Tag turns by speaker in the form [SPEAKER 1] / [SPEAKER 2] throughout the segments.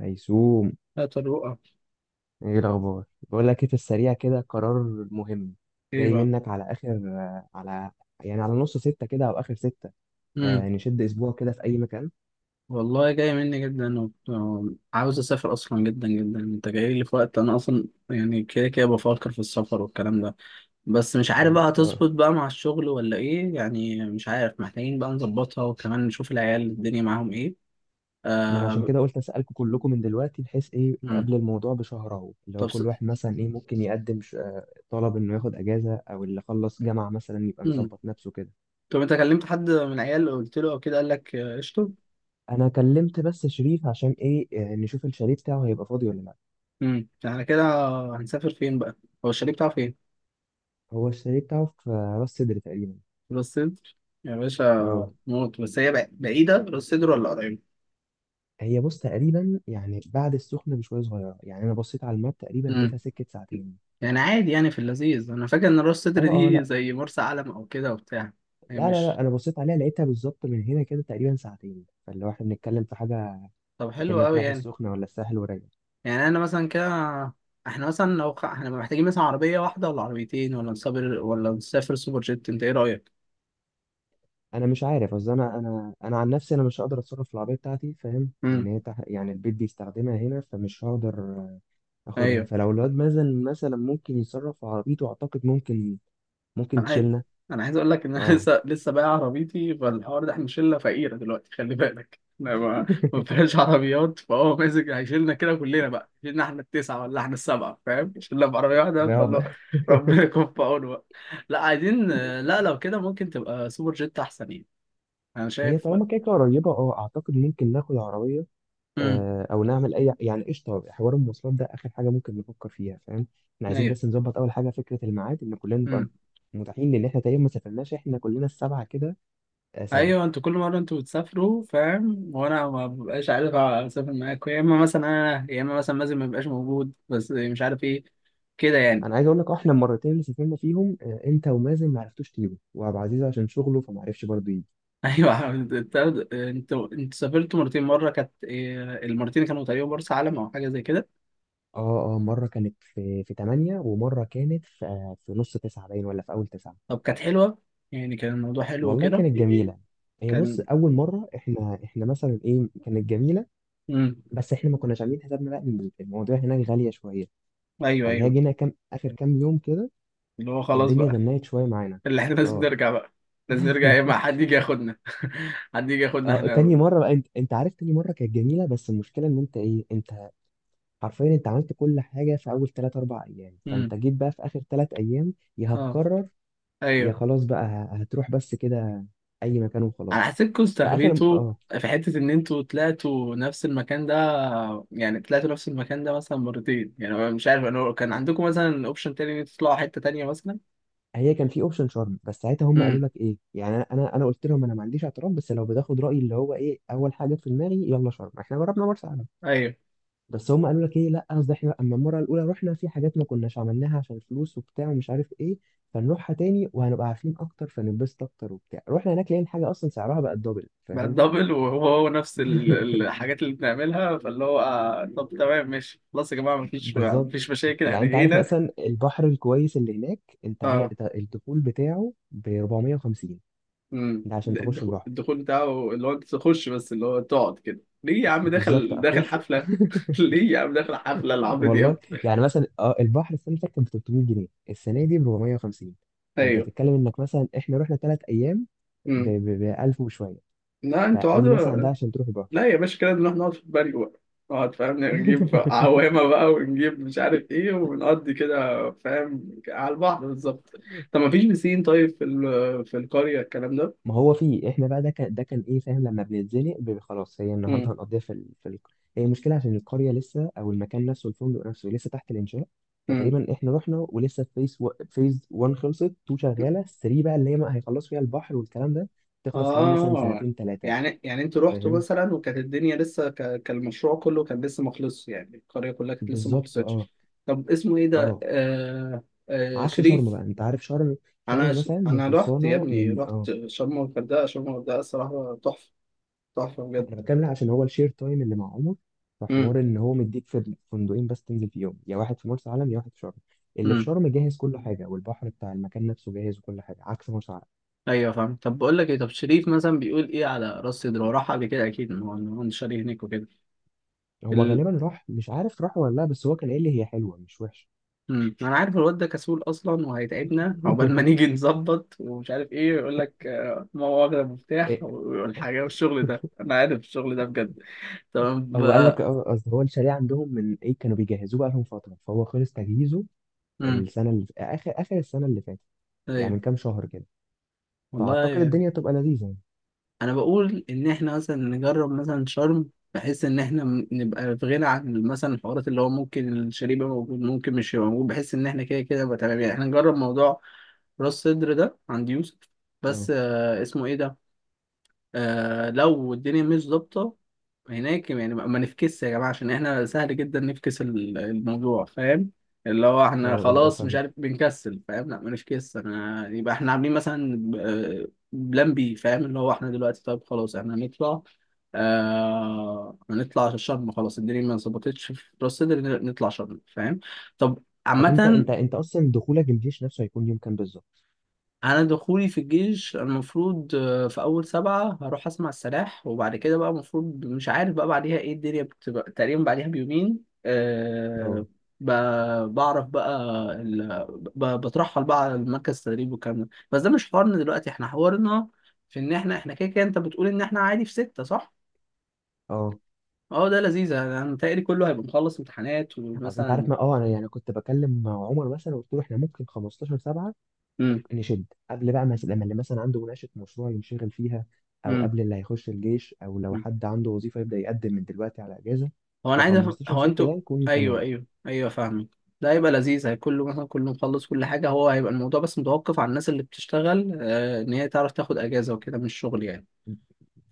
[SPEAKER 1] هيسوم،
[SPEAKER 2] لا، طروقة.
[SPEAKER 1] ايه الاخبار؟ بقول لك ايه، في السريع كده قرار مهم.
[SPEAKER 2] ايه
[SPEAKER 1] جاي
[SPEAKER 2] بقى؟
[SPEAKER 1] منك على اخر، على يعني على نص ستة كده او اخر ستة.
[SPEAKER 2] امم
[SPEAKER 1] آه، نشد اسبوع كده في اي مكان.
[SPEAKER 2] والله جاي مني جدا وعاوز اسافر اصلا جدا جدا. انت جاي لي في وقت انا اصلا يعني كده كده بفكر في السفر والكلام ده. بس مش عارف
[SPEAKER 1] يعني
[SPEAKER 2] بقى
[SPEAKER 1] اه.
[SPEAKER 2] هتظبط بقى مع الشغل ولا ايه؟ يعني مش عارف، محتاجين بقى نظبطها وكمان نشوف العيال الدنيا معاهم ايه.
[SPEAKER 1] ما انا عشان
[SPEAKER 2] آه...
[SPEAKER 1] كده قلت اسالكم كلكم من دلوقتي بحيث ايه
[SPEAKER 2] امم
[SPEAKER 1] قبل الموضوع بشهر، اهو اللي هو
[SPEAKER 2] طب
[SPEAKER 1] كل واحد مثلا ايه ممكن يقدم طلب انه ياخد اجازة، او اللي خلص جامعة مثلا يبقى
[SPEAKER 2] امم
[SPEAKER 1] مظبط نفسه كده.
[SPEAKER 2] طب انت كلمت حد من العيال، قلت له او كده قال لك قشطه؟
[SPEAKER 1] انا كلمت بس شريف عشان ايه، نشوف الشاليه بتاعه هيبقى فاضي ولا لا.
[SPEAKER 2] على كده. هنسافر فين بقى؟ هو الشاليه بتاعه فين؟
[SPEAKER 1] هو الشاليه بتاعه في راس سدر تقريبا.
[SPEAKER 2] راس صدر؟ يا باشا
[SPEAKER 1] اه،
[SPEAKER 2] موت. بس هي بعيدة، راس صدر ولا قريبة؟
[SPEAKER 1] هي بص تقريبا يعني بعد السخنة بشوية صغيرة، يعني أنا بصيت على الماب تقريبا
[SPEAKER 2] امم
[SPEAKER 1] لقيتها سكة ساعتين.
[SPEAKER 2] يعني عادي، يعني في اللذيذ. أنا فاكر إن راس صدر
[SPEAKER 1] اه، اه،
[SPEAKER 2] دي
[SPEAKER 1] لا.
[SPEAKER 2] زي مرسى علم أو كده وبتاع. هي
[SPEAKER 1] لا، لا،
[SPEAKER 2] مش.
[SPEAKER 1] لا، أنا بصيت عليها لقيتها بالظبط من هنا كده تقريبا ساعتين، فاللي هو احنا بنتكلم في حاجة
[SPEAKER 2] طب حلو
[SPEAKER 1] كأنك
[SPEAKER 2] أوي
[SPEAKER 1] رايح
[SPEAKER 2] يعني.
[SPEAKER 1] السخنة ولا الساحل وراجع.
[SPEAKER 2] يعني أنا مثلا كده، إحنا مثلا إحنا محتاجين مثلا عربية واحدة ولا عربيتين، ولا نسافر ولا نسافر سوبر جيت؟ أنت إيه رأيك؟
[SPEAKER 1] أنا مش عارف، أصل أنا عن نفسي أنا مش هقدر أتصرف في العربية بتاعتي فاهم، لأن
[SPEAKER 2] امم
[SPEAKER 1] يعني البيت بيستخدمها هنا، فمش هقدر أخدها.
[SPEAKER 2] أيوه.
[SPEAKER 1] فلو الواد مثلا ممكن يتصرف في عربيته أعتقد ممكن
[SPEAKER 2] انا عايز.
[SPEAKER 1] تشيلنا.
[SPEAKER 2] انا عايز اقول لك ان انا
[SPEAKER 1] اه.
[SPEAKER 2] لسه لسه بايع عربيتي. فالحوار ده احنا شله فقيره دلوقتي، خلي بالك احنا ما فيهاش عربيات. فهو ماسك هيشيلنا كده كلنا بقى. شيلنا احنا التسعه ولا احنا السبعه؟ فاهم، شلنا بعربيه واحده،
[SPEAKER 1] ده هو
[SPEAKER 2] فاللو
[SPEAKER 1] بقى.
[SPEAKER 2] ربنا يكون في عونه بقى. لا عايزين. لا، لو كده ممكن تبقى سوبر جيت احسن يعني. انا
[SPEAKER 1] هي
[SPEAKER 2] شايف.
[SPEAKER 1] طالما كده كده قريبة، اه اعتقد ممكن ناخد عربية،
[SPEAKER 2] امم
[SPEAKER 1] او نعمل اي يعني. قشطة، حوار المواصلات ده اخر حاجة ممكن نفكر فيها فاهم. احنا عايزين
[SPEAKER 2] ايوه.
[SPEAKER 1] بس نظبط اول حاجة، فكرة الميعاد ان كلنا نبقى
[SPEAKER 2] امم
[SPEAKER 1] متاحين، لان احنا تقريبا ما سافرناش احنا كلنا السبعة كده سوا.
[SPEAKER 2] ايوه، انتوا كل مره انتوا بتسافروا فاهم، وانا ما ببقاش عارف اسافر معاكم، يا اما مثلا انا، يا اما مثلا مازن ما بيبقاش موجود، بس مش عارف ايه كده يعني.
[SPEAKER 1] انا عايز اقول لك، احنا المرتين اللي سافرنا فيهم انت ومازن ما عرفتوش تيجوا، وابو عزيز عشان شغله فما عرفش برضه يجي.
[SPEAKER 2] ايوه. انت. انت سافرت مرتين، مره كانت المرتين كانوا تقريبا مرسى علم او حاجه زي كده.
[SPEAKER 1] اه، اه، مرة كانت في 8، ومرة كانت في نص تسعة باين، ولا في اول تسعة.
[SPEAKER 2] طب كانت حلوه يعني؟ كان الموضوع حلو
[SPEAKER 1] والله
[SPEAKER 2] وكده؟
[SPEAKER 1] كانت جميلة. هي بص،
[SPEAKER 2] كان.
[SPEAKER 1] أول مرة إحنا مثلا إيه كانت جميلة،
[SPEAKER 2] امم
[SPEAKER 1] بس إحنا ما كناش عاملين حسابنا بقى إن الموضوع هناك غالية شوية،
[SPEAKER 2] ايوه
[SPEAKER 1] فاللي هي
[SPEAKER 2] ايوه،
[SPEAKER 1] جينا كام آخر كام يوم كده
[SPEAKER 2] اللي هو خلاص
[SPEAKER 1] الدنيا
[SPEAKER 2] بقى.
[SPEAKER 1] زنقت شوية معانا.
[SPEAKER 2] اللي احنا لازم
[SPEAKER 1] أه.
[SPEAKER 2] نرجع بقى. لازم نرجع، يا اما حد يجي ياخدنا. حد يجي ياخدنا
[SPEAKER 1] أه،
[SPEAKER 2] احنا.
[SPEAKER 1] تاني مرة بقى أنت عارف تاني مرة كانت جميلة، بس المشكلة إن أنت حرفيا عملت كل حاجة في أول تلات أربع أيام، فأنت
[SPEAKER 2] امم
[SPEAKER 1] جيت بقى في آخر تلات أيام، يا
[SPEAKER 2] اه.
[SPEAKER 1] هتكرر يا
[SPEAKER 2] ايوه،
[SPEAKER 1] خلاص بقى هتروح بس كده أي مكان
[SPEAKER 2] انا
[SPEAKER 1] وخلاص.
[SPEAKER 2] حسيتكم
[SPEAKER 1] فآخر
[SPEAKER 2] استغبيتوا في حته ان انتوا طلعتوا نفس المكان ده. يعني طلعتوا نفس المكان ده مثلا مرتين. يعني أنا مش عارف، انا كان عندكم مثلا اوبشن تاني ان انتوا تطلعوا حته تانيه مثلا؟
[SPEAKER 1] هي كان في اوبشن شرم، بس ساعتها هم قالوا
[SPEAKER 2] امم
[SPEAKER 1] لك ايه، يعني انا انا أنا قلت لهم انا ما عنديش اعتراض، بس لو بتاخد رايي اللي هو ايه اول حاجه في دماغي يلا شرم، احنا جربنا مرسى علم.
[SPEAKER 2] ايوه.
[SPEAKER 1] بس هم قالوا لك ايه، لا قصدي احنا اما المره الاولى رحنا في حاجات ما كناش عملناها عشان فلوس وبتاع ومش عارف ايه، فنروحها تاني وهنبقى عارفين اكتر فننبسط اكتر وبتاع. رحنا هناك لقينا حاجه اصلا سعرها بقى الدبل
[SPEAKER 2] بقى
[SPEAKER 1] فاهم.
[SPEAKER 2] الدبل، وهو هو نفس الحاجات اللي بنعملها. فاللي هو طب تمام ماشي خلاص يا جماعه، مفيش
[SPEAKER 1] بالظبط.
[SPEAKER 2] مشاكل،
[SPEAKER 1] يعني
[SPEAKER 2] احنا
[SPEAKER 1] انت عارف
[SPEAKER 2] جينا.
[SPEAKER 1] مثلا البحر الكويس اللي هناك، انت عارف
[SPEAKER 2] اه.
[SPEAKER 1] الدخول بتاعه ب 450. ده عشان تخش
[SPEAKER 2] الدخول
[SPEAKER 1] البحر.
[SPEAKER 2] الدخول بتاعه اللي هو انت تخش، بس اللي هو تقعد كده ليه يا عم؟
[SPEAKER 1] بالظبط
[SPEAKER 2] داخل داخل
[SPEAKER 1] اخش.
[SPEAKER 2] حفله. ليه يا عم، داخل حفله لعمرو
[SPEAKER 1] والله،
[SPEAKER 2] دياب؟
[SPEAKER 1] يعني مثلا البحر السنه اللي فاتت كان ب 300 جنيه، السنه دي ب 450. فانت
[SPEAKER 2] ايوه.
[SPEAKER 1] بتتكلم انك مثلا احنا رحنا ثلاث ايام ب
[SPEAKER 2] امم
[SPEAKER 1] ب 1000 وشويه،
[SPEAKER 2] لا، انتوا
[SPEAKER 1] فادي مثلا ده
[SPEAKER 2] اقعدوا.
[SPEAKER 1] عشان تروح البحر.
[SPEAKER 2] لا يا باشا، كده نروح نقعد في البري بقى. نقعد فاهم، نجيب عوامة بقى ونجيب مش عارف ايه، ونقضي كده فاهم على البحر بالظبط. طب ما فيش بسين طيب في في القرية الكلام ده؟
[SPEAKER 1] ما هو فيه، احنا بقى ده كان ده كان ايه فاهم لما بنتزنق، خلاص هي النهارده
[SPEAKER 2] مم.
[SPEAKER 1] هنقضيها هي المشكله عشان القريه لسه، او المكان نفسه الفندق نفسه لسه تحت الانشاء،
[SPEAKER 2] مم.
[SPEAKER 1] فتقريبا احنا رحنا ولسه فيز 1 خلصت، 2 شغاله، 3 بقى اللي هي ما هيخلصوا فيها البحر والكلام ده، تخلص كمان مثلا
[SPEAKER 2] اه.
[SPEAKER 1] سنتين ثلاثه.
[SPEAKER 2] يعني انتوا رحتوا
[SPEAKER 1] فاهم؟
[SPEAKER 2] مثلا وكانت الدنيا لسه كان المشروع كله كان لسه ما خلصش، يعني القرية كلها كانت لسه ما
[SPEAKER 1] بالظبط اه.
[SPEAKER 2] خلصتش؟ طب اسمه ايه ده؟
[SPEAKER 1] اه، عكس شرم
[SPEAKER 2] شريف؟
[SPEAKER 1] بقى، انت عارف شرم.
[SPEAKER 2] انا
[SPEAKER 1] شرم مثلا هي
[SPEAKER 2] انا رحت يا
[SPEAKER 1] خلصانه
[SPEAKER 2] ابني.
[SPEAKER 1] من
[SPEAKER 2] رحت
[SPEAKER 1] اه
[SPEAKER 2] شرم والغردقة، شرم والغردقة الصراحة تحفة. تحفة بجد.
[SPEAKER 1] انا بتكلم لها عشان هو الشير تايم اللي مع عمر،
[SPEAKER 2] امم
[SPEAKER 1] فحوار ان هو مديك في فندقين بس تنزل فيهم، يا واحد في مرسى علم يا واحد في شرم. اللي في
[SPEAKER 2] امم
[SPEAKER 1] شرم جاهز كل حاجه، والبحر بتاع المكان نفسه جاهز، وكل حاجه عكس مرسى علم.
[SPEAKER 2] ايوه فاهم. طب بقول لك ايه، طب شريف مثلا بيقول ايه على راس صدر؟ هو راح قبل كده اكيد، ما هو إن هو شاريه هناك وكده.
[SPEAKER 1] هو
[SPEAKER 2] ال...
[SPEAKER 1] غالبا راح، مش عارف راح ولا لا، بس هو كان قايل لي هي حلوه مش وحشه.
[SPEAKER 2] انا عارف الواد ده كسول اصلا، وهيتعبنا عقبال ما نيجي نظبط ومش عارف ايه. يقول لك ما هو واخد المفتاح
[SPEAKER 1] إيه.
[SPEAKER 2] والحاجه والشغل ده. انا عارف الشغل ده بجد. طب
[SPEAKER 1] هو قال لك، قصدي هو الشاليه عندهم من ايه كانوا بيجهزوه بقى لهم فتره، فهو خلص تجهيزه
[SPEAKER 2] امم
[SPEAKER 1] السنه اللي في اخر اخر السنه اللي فاتت، يعني
[SPEAKER 2] ايوه
[SPEAKER 1] من كام شهر كده. فاعتقد
[SPEAKER 2] والله.
[SPEAKER 1] الدنيا تبقى لذيذه يعني.
[SPEAKER 2] انا بقول ان احنا مثلا نجرب مثلا شرم، بحيث ان احنا نبقى في غنى عن مثلا الحوارات اللي هو ممكن الشريب يبقى موجود ممكن مش يبقى موجود، بحيث ان احنا كده كده يبقى تمام. يعني احنا نجرب موضوع راس صدر ده عند يوسف. بس
[SPEAKER 1] اه،
[SPEAKER 2] اسمه ايه ده؟ لو الدنيا مش ظابطه هناك، يعني ما نفكسش يا جماعه، عشان احنا سهل جدا نفكس الموضوع فاهم. اللي هو
[SPEAKER 1] اه،
[SPEAKER 2] احنا
[SPEAKER 1] اه،
[SPEAKER 2] خلاص مش
[SPEAKER 1] فاهم.
[SPEAKER 2] عارف بنكسل فاهم، لا ما نفكس انا. يبقى احنا عاملين مثلا آه، بلان بي فاهم، اللي هو احنا دلوقتي طيب خلاص احنا هنطلع. هنطلع شرم خلاص. الدنيا ما ظبطتش في راس سدر، نطلع شرم فاهم. طب،
[SPEAKER 1] طب انت
[SPEAKER 2] عامة.
[SPEAKER 1] انت انت اصلا دخولك الجيش نفسه هيكون يوم كام بالظبط؟
[SPEAKER 2] انا دخولي في الجيش المفروض في اول سبعة هروح اسمع السلاح، وبعد كده بقى المفروض مش عارف بقى بعديها ايه، الدنيا بتبقى تقريبا بعديها بيومين. أه.
[SPEAKER 1] اه،
[SPEAKER 2] بعرف بقى. ال... بترحل بقى على مركز التدريب والكلام ده. بس ده مش حوارنا دلوقتي، احنا حوارنا في ان احنا كده كده انت بتقول ان احنا عادي في ستة صح؟
[SPEAKER 1] اه.
[SPEAKER 2] اه ده لذيذ. انا متهيألي كله هيبقى مخلص امتحانات
[SPEAKER 1] اصل انت
[SPEAKER 2] ومثلا.
[SPEAKER 1] عارف، ما انا يعني كنت بكلم مع عمر مثلا وقلت له احنا ممكن 15 7 نشد، قبل بقى مثلا لما اللي مثلا عنده مناقشه مشروع ينشغل فيها، او
[SPEAKER 2] امم
[SPEAKER 1] قبل اللي هيخش الجيش، او لو حد عنده وظيفه يبدا يقدم من دلوقتي على اجازه.
[SPEAKER 2] هو
[SPEAKER 1] ف
[SPEAKER 2] انا عايز
[SPEAKER 1] 15
[SPEAKER 2] هو
[SPEAKER 1] 6 ده
[SPEAKER 2] انتوا.
[SPEAKER 1] يكون
[SPEAKER 2] ايوه
[SPEAKER 1] تمام.
[SPEAKER 2] ايوه ايوه فاهمك. ده هيبقى لذيذ، هيكون له مثلا كله مخلص كل حاجه. هو هيبقى الموضوع بس متوقف على الناس اللي بتشتغل ان هي تعرف تاخد اجازه وكده من الشغل يعني.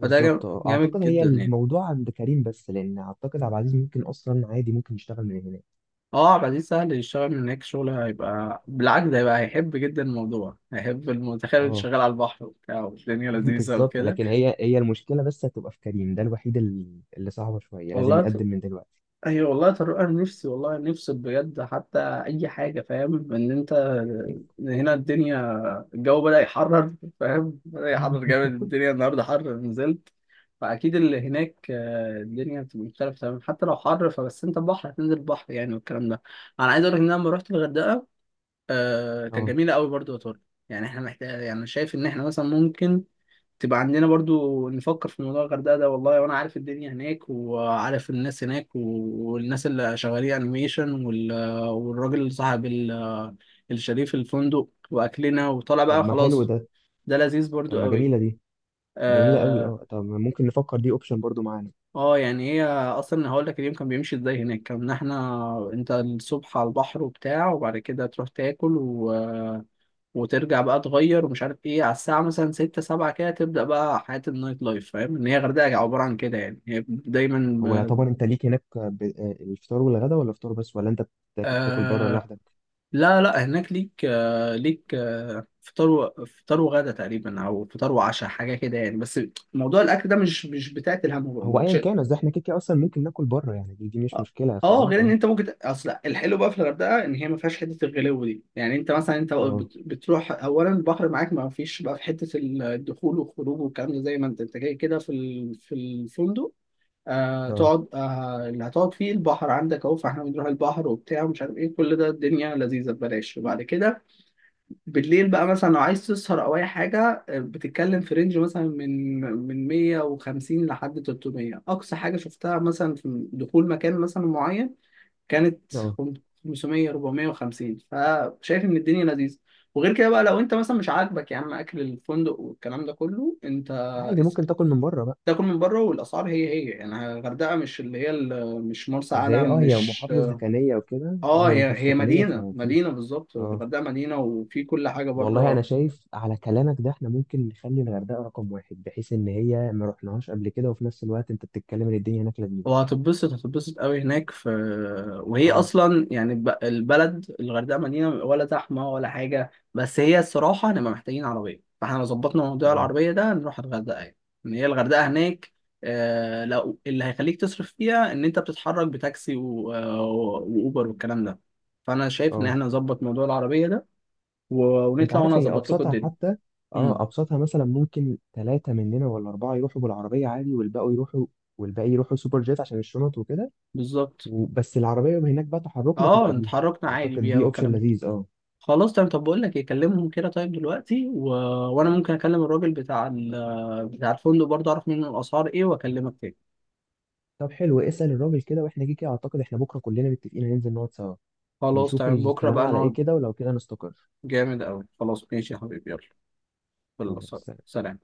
[SPEAKER 2] فده
[SPEAKER 1] بالظبط اه.
[SPEAKER 2] جامد
[SPEAKER 1] اعتقد هي
[SPEAKER 2] جدا يعني.
[SPEAKER 1] الموضوع عند كريم بس، لان اعتقد عبد العزيز ممكن اصلا عادي ممكن يشتغل من هناك.
[SPEAKER 2] اه، عبد العزيز سهل يشتغل من هناك شغل، هيبقى بالعكس ده، هيبقى هيحب جدا الموضوع، هيحب المتخيل
[SPEAKER 1] اه.
[SPEAKER 2] شغال على البحر وبتاع، والدنيا لذيذه
[SPEAKER 1] بالظبط،
[SPEAKER 2] وكده.
[SPEAKER 1] لكن هي، هي المشكله بس هتبقى في كريم، ده الوحيد ال- اللي صعبه شويه لازم
[SPEAKER 2] والله
[SPEAKER 1] يقدم من دلوقتي.
[SPEAKER 2] ايوه والله يا طارق، انا نفسي والله، نفسي بجد حتى اي حاجه فاهم، ان انت. إن هنا الدنيا، الجو بدأ يحرر، فاهم، بدأ يحرر جامد، الدنيا النهارده حر نزلت. فاكيد اللي هناك الدنيا بتبقى مختلفه تمام، حتى لو حر، فبس انت بحر هتنزل بحر يعني والكلام ده. انا عايز اقول لك ان انا لما رحت الغردقه كانت
[SPEAKER 1] اه،
[SPEAKER 2] جميله قوي برضو يا طارق. يعني احنا محتاج، يعني شايف ان احنا مثلا ممكن تبقى عندنا برضو نفكر في موضوع الغردقة ده والله. وانا عارف الدنيا هناك، وعارف الناس هناك، والناس اللي شغالين انيميشن، والراجل اللي صاحب الشريف الفندق، واكلنا وطالع
[SPEAKER 1] طب
[SPEAKER 2] بقى
[SPEAKER 1] ما حلو
[SPEAKER 2] خلاص.
[SPEAKER 1] ده.
[SPEAKER 2] ده لذيذ
[SPEAKER 1] طب
[SPEAKER 2] برضو
[SPEAKER 1] ما
[SPEAKER 2] قوي.
[SPEAKER 1] جميله دي، جميله قوي
[SPEAKER 2] اه.
[SPEAKER 1] اه. طب ما ممكن نفكر دي اوبشن برضو معانا.
[SPEAKER 2] يعني هي اصلا هقول لك اليوم كان بيمشي ازاي هناك. كان احنا انت الصبح على البحر وبتاع، وبعد كده تروح تاكل وترجع بقى تغير ومش عارف ايه، على الساعة مثلا ستة سبعة كده تبدأ بقى حياة النايت لايف، فاهم ان هي غردقة عبارة عن كده يعني، هي
[SPEAKER 1] هو
[SPEAKER 2] دايما.
[SPEAKER 1] يعتبر انت ليك هناك ب... آه، الفطار والغدا، ولا فطار بس، ولا انت بتاكل بره
[SPEAKER 2] آه
[SPEAKER 1] لوحدك؟
[SPEAKER 2] لا لا. هناك ليك ليك فطار فطار وغدا تقريبا، او فطار وعشاء حاجة كده يعني. بس موضوع الاكل ده مش بتاعت
[SPEAKER 1] هو
[SPEAKER 2] الهم.
[SPEAKER 1] ايا كان، اصل احنا كده كده اصلا ممكن ناكل بره، يعني دي مش
[SPEAKER 2] اه.
[SPEAKER 1] مشكله فاهم
[SPEAKER 2] غير ان
[SPEAKER 1] اه.
[SPEAKER 2] انت ممكن اصل الحلو بقى في الغردقه ان هي ما فيهاش حته الغلو دي، يعني انت مثلا انت
[SPEAKER 1] اه،
[SPEAKER 2] بتروح اولا البحر معاك. ما فيش بقى في حته الدخول والخروج والكلام ده، زي ما انت جاي كده في في الفندق.
[SPEAKER 1] اه،
[SPEAKER 2] تقعد، اللي هتقعد فيه البحر عندك اهو. فاحنا بنروح البحر وبتاع ومش عارف ايه، كل ده الدنيا لذيذه ببلاش. وبعد كده بالليل بقى مثلا لو عايز تسهر او اي حاجه بتتكلم في رينج مثلا من 150 لحد 300 اقصى حاجه شفتها، مثلا في دخول مكان مثلا معين كانت
[SPEAKER 1] اه،
[SPEAKER 2] 500 450، فشايف ان الدنيا لذيذه. وغير كده بقى، لو انت مثلا مش عاجبك يا عم اكل الفندق والكلام ده كله، انت
[SPEAKER 1] عادي
[SPEAKER 2] اس-
[SPEAKER 1] ممكن تاكل من بره بقى.
[SPEAKER 2] تاكل من بره. والاسعار هي هي يعني، الغردقه مش اللي هي مش مرسى
[SPEAKER 1] قصدي هي،
[SPEAKER 2] علم
[SPEAKER 1] هي
[SPEAKER 2] مش.
[SPEAKER 1] محافظه سكنيه وكده، اه
[SPEAKER 2] اه،
[SPEAKER 1] هي
[SPEAKER 2] هي
[SPEAKER 1] محافظه
[SPEAKER 2] هي
[SPEAKER 1] سكنيه
[SPEAKER 2] مدينه
[SPEAKER 1] ففيها
[SPEAKER 2] مدينه بالظبط.
[SPEAKER 1] اه.
[SPEAKER 2] الغردقه مدينه وفي كل حاجه
[SPEAKER 1] والله
[SPEAKER 2] بره.
[SPEAKER 1] انا شايف على كلامك ده احنا ممكن نخلي الغردقه رقم واحد، بحيث ان هي ما رحناهاش قبل كده، وفي نفس الوقت انت بتتكلم ان الدنيا هناك لذيذه.
[SPEAKER 2] وهتتبسط هتتبسط قوي هناك في. وهي
[SPEAKER 1] اه،
[SPEAKER 2] اصلا يعني البلد الغردقه مدينه ولا زحمه ولا حاجه، بس هي الصراحه هنبقى محتاجين عربيه. فاحنا لو ظبطنا موضوع
[SPEAKER 1] اه،
[SPEAKER 2] العربيه ده نروح الغردقه يعني. ان هي الغردقه هناك. لو اللي هيخليك تصرف فيها ان انت بتتحرك بتاكسي واوبر والكلام ده. فانا شايف ان
[SPEAKER 1] اه،
[SPEAKER 2] احنا نظبط موضوع العربيه ده،
[SPEAKER 1] انت
[SPEAKER 2] ونطلع
[SPEAKER 1] عارف
[SPEAKER 2] وانا
[SPEAKER 1] هي
[SPEAKER 2] اظبط لكم
[SPEAKER 1] ابسطها
[SPEAKER 2] الدنيا.
[SPEAKER 1] حتى.
[SPEAKER 2] امم
[SPEAKER 1] اه، ابسطها مثلا ممكن ثلاثه مننا ولا اربعه يروحوا بالعربيه عادي، والباقي يروحوا سوبر جيت عشان الشنط وكده.
[SPEAKER 2] بالظبط.
[SPEAKER 1] وبس العربيه يبقى هناك بقى تحركنا تبقى
[SPEAKER 2] اه،
[SPEAKER 1] بيها.
[SPEAKER 2] اتحركنا عادي
[SPEAKER 1] اعتقد
[SPEAKER 2] بيها
[SPEAKER 1] دي اوبشن
[SPEAKER 2] والكلام.
[SPEAKER 1] لذيذ اه.
[SPEAKER 2] خلاص تمام. طب بقول لك ايه، كلمهم كده طيب دلوقتي، وانا ممكن اكلم الراجل بتاع بتاع الفندق برضه، اعرف منه الاسعار ايه واكلمك تاني.
[SPEAKER 1] طب حلو، اسال الراجل كده، واحنا كده كده اعتقد احنا بكره كلنا متفقين هننزل نقعد سوا،
[SPEAKER 2] خلاص
[SPEAKER 1] نشوف
[SPEAKER 2] تمام، بكره
[SPEAKER 1] الكلام
[SPEAKER 2] بقى
[SPEAKER 1] على ايه
[SPEAKER 2] نقعد.
[SPEAKER 1] كده ولو كده نستقر.
[SPEAKER 2] جامد قوي خلاص، ماشي يا حبيبي، يلا. يلا.
[SPEAKER 1] خلاص.
[SPEAKER 2] سلام.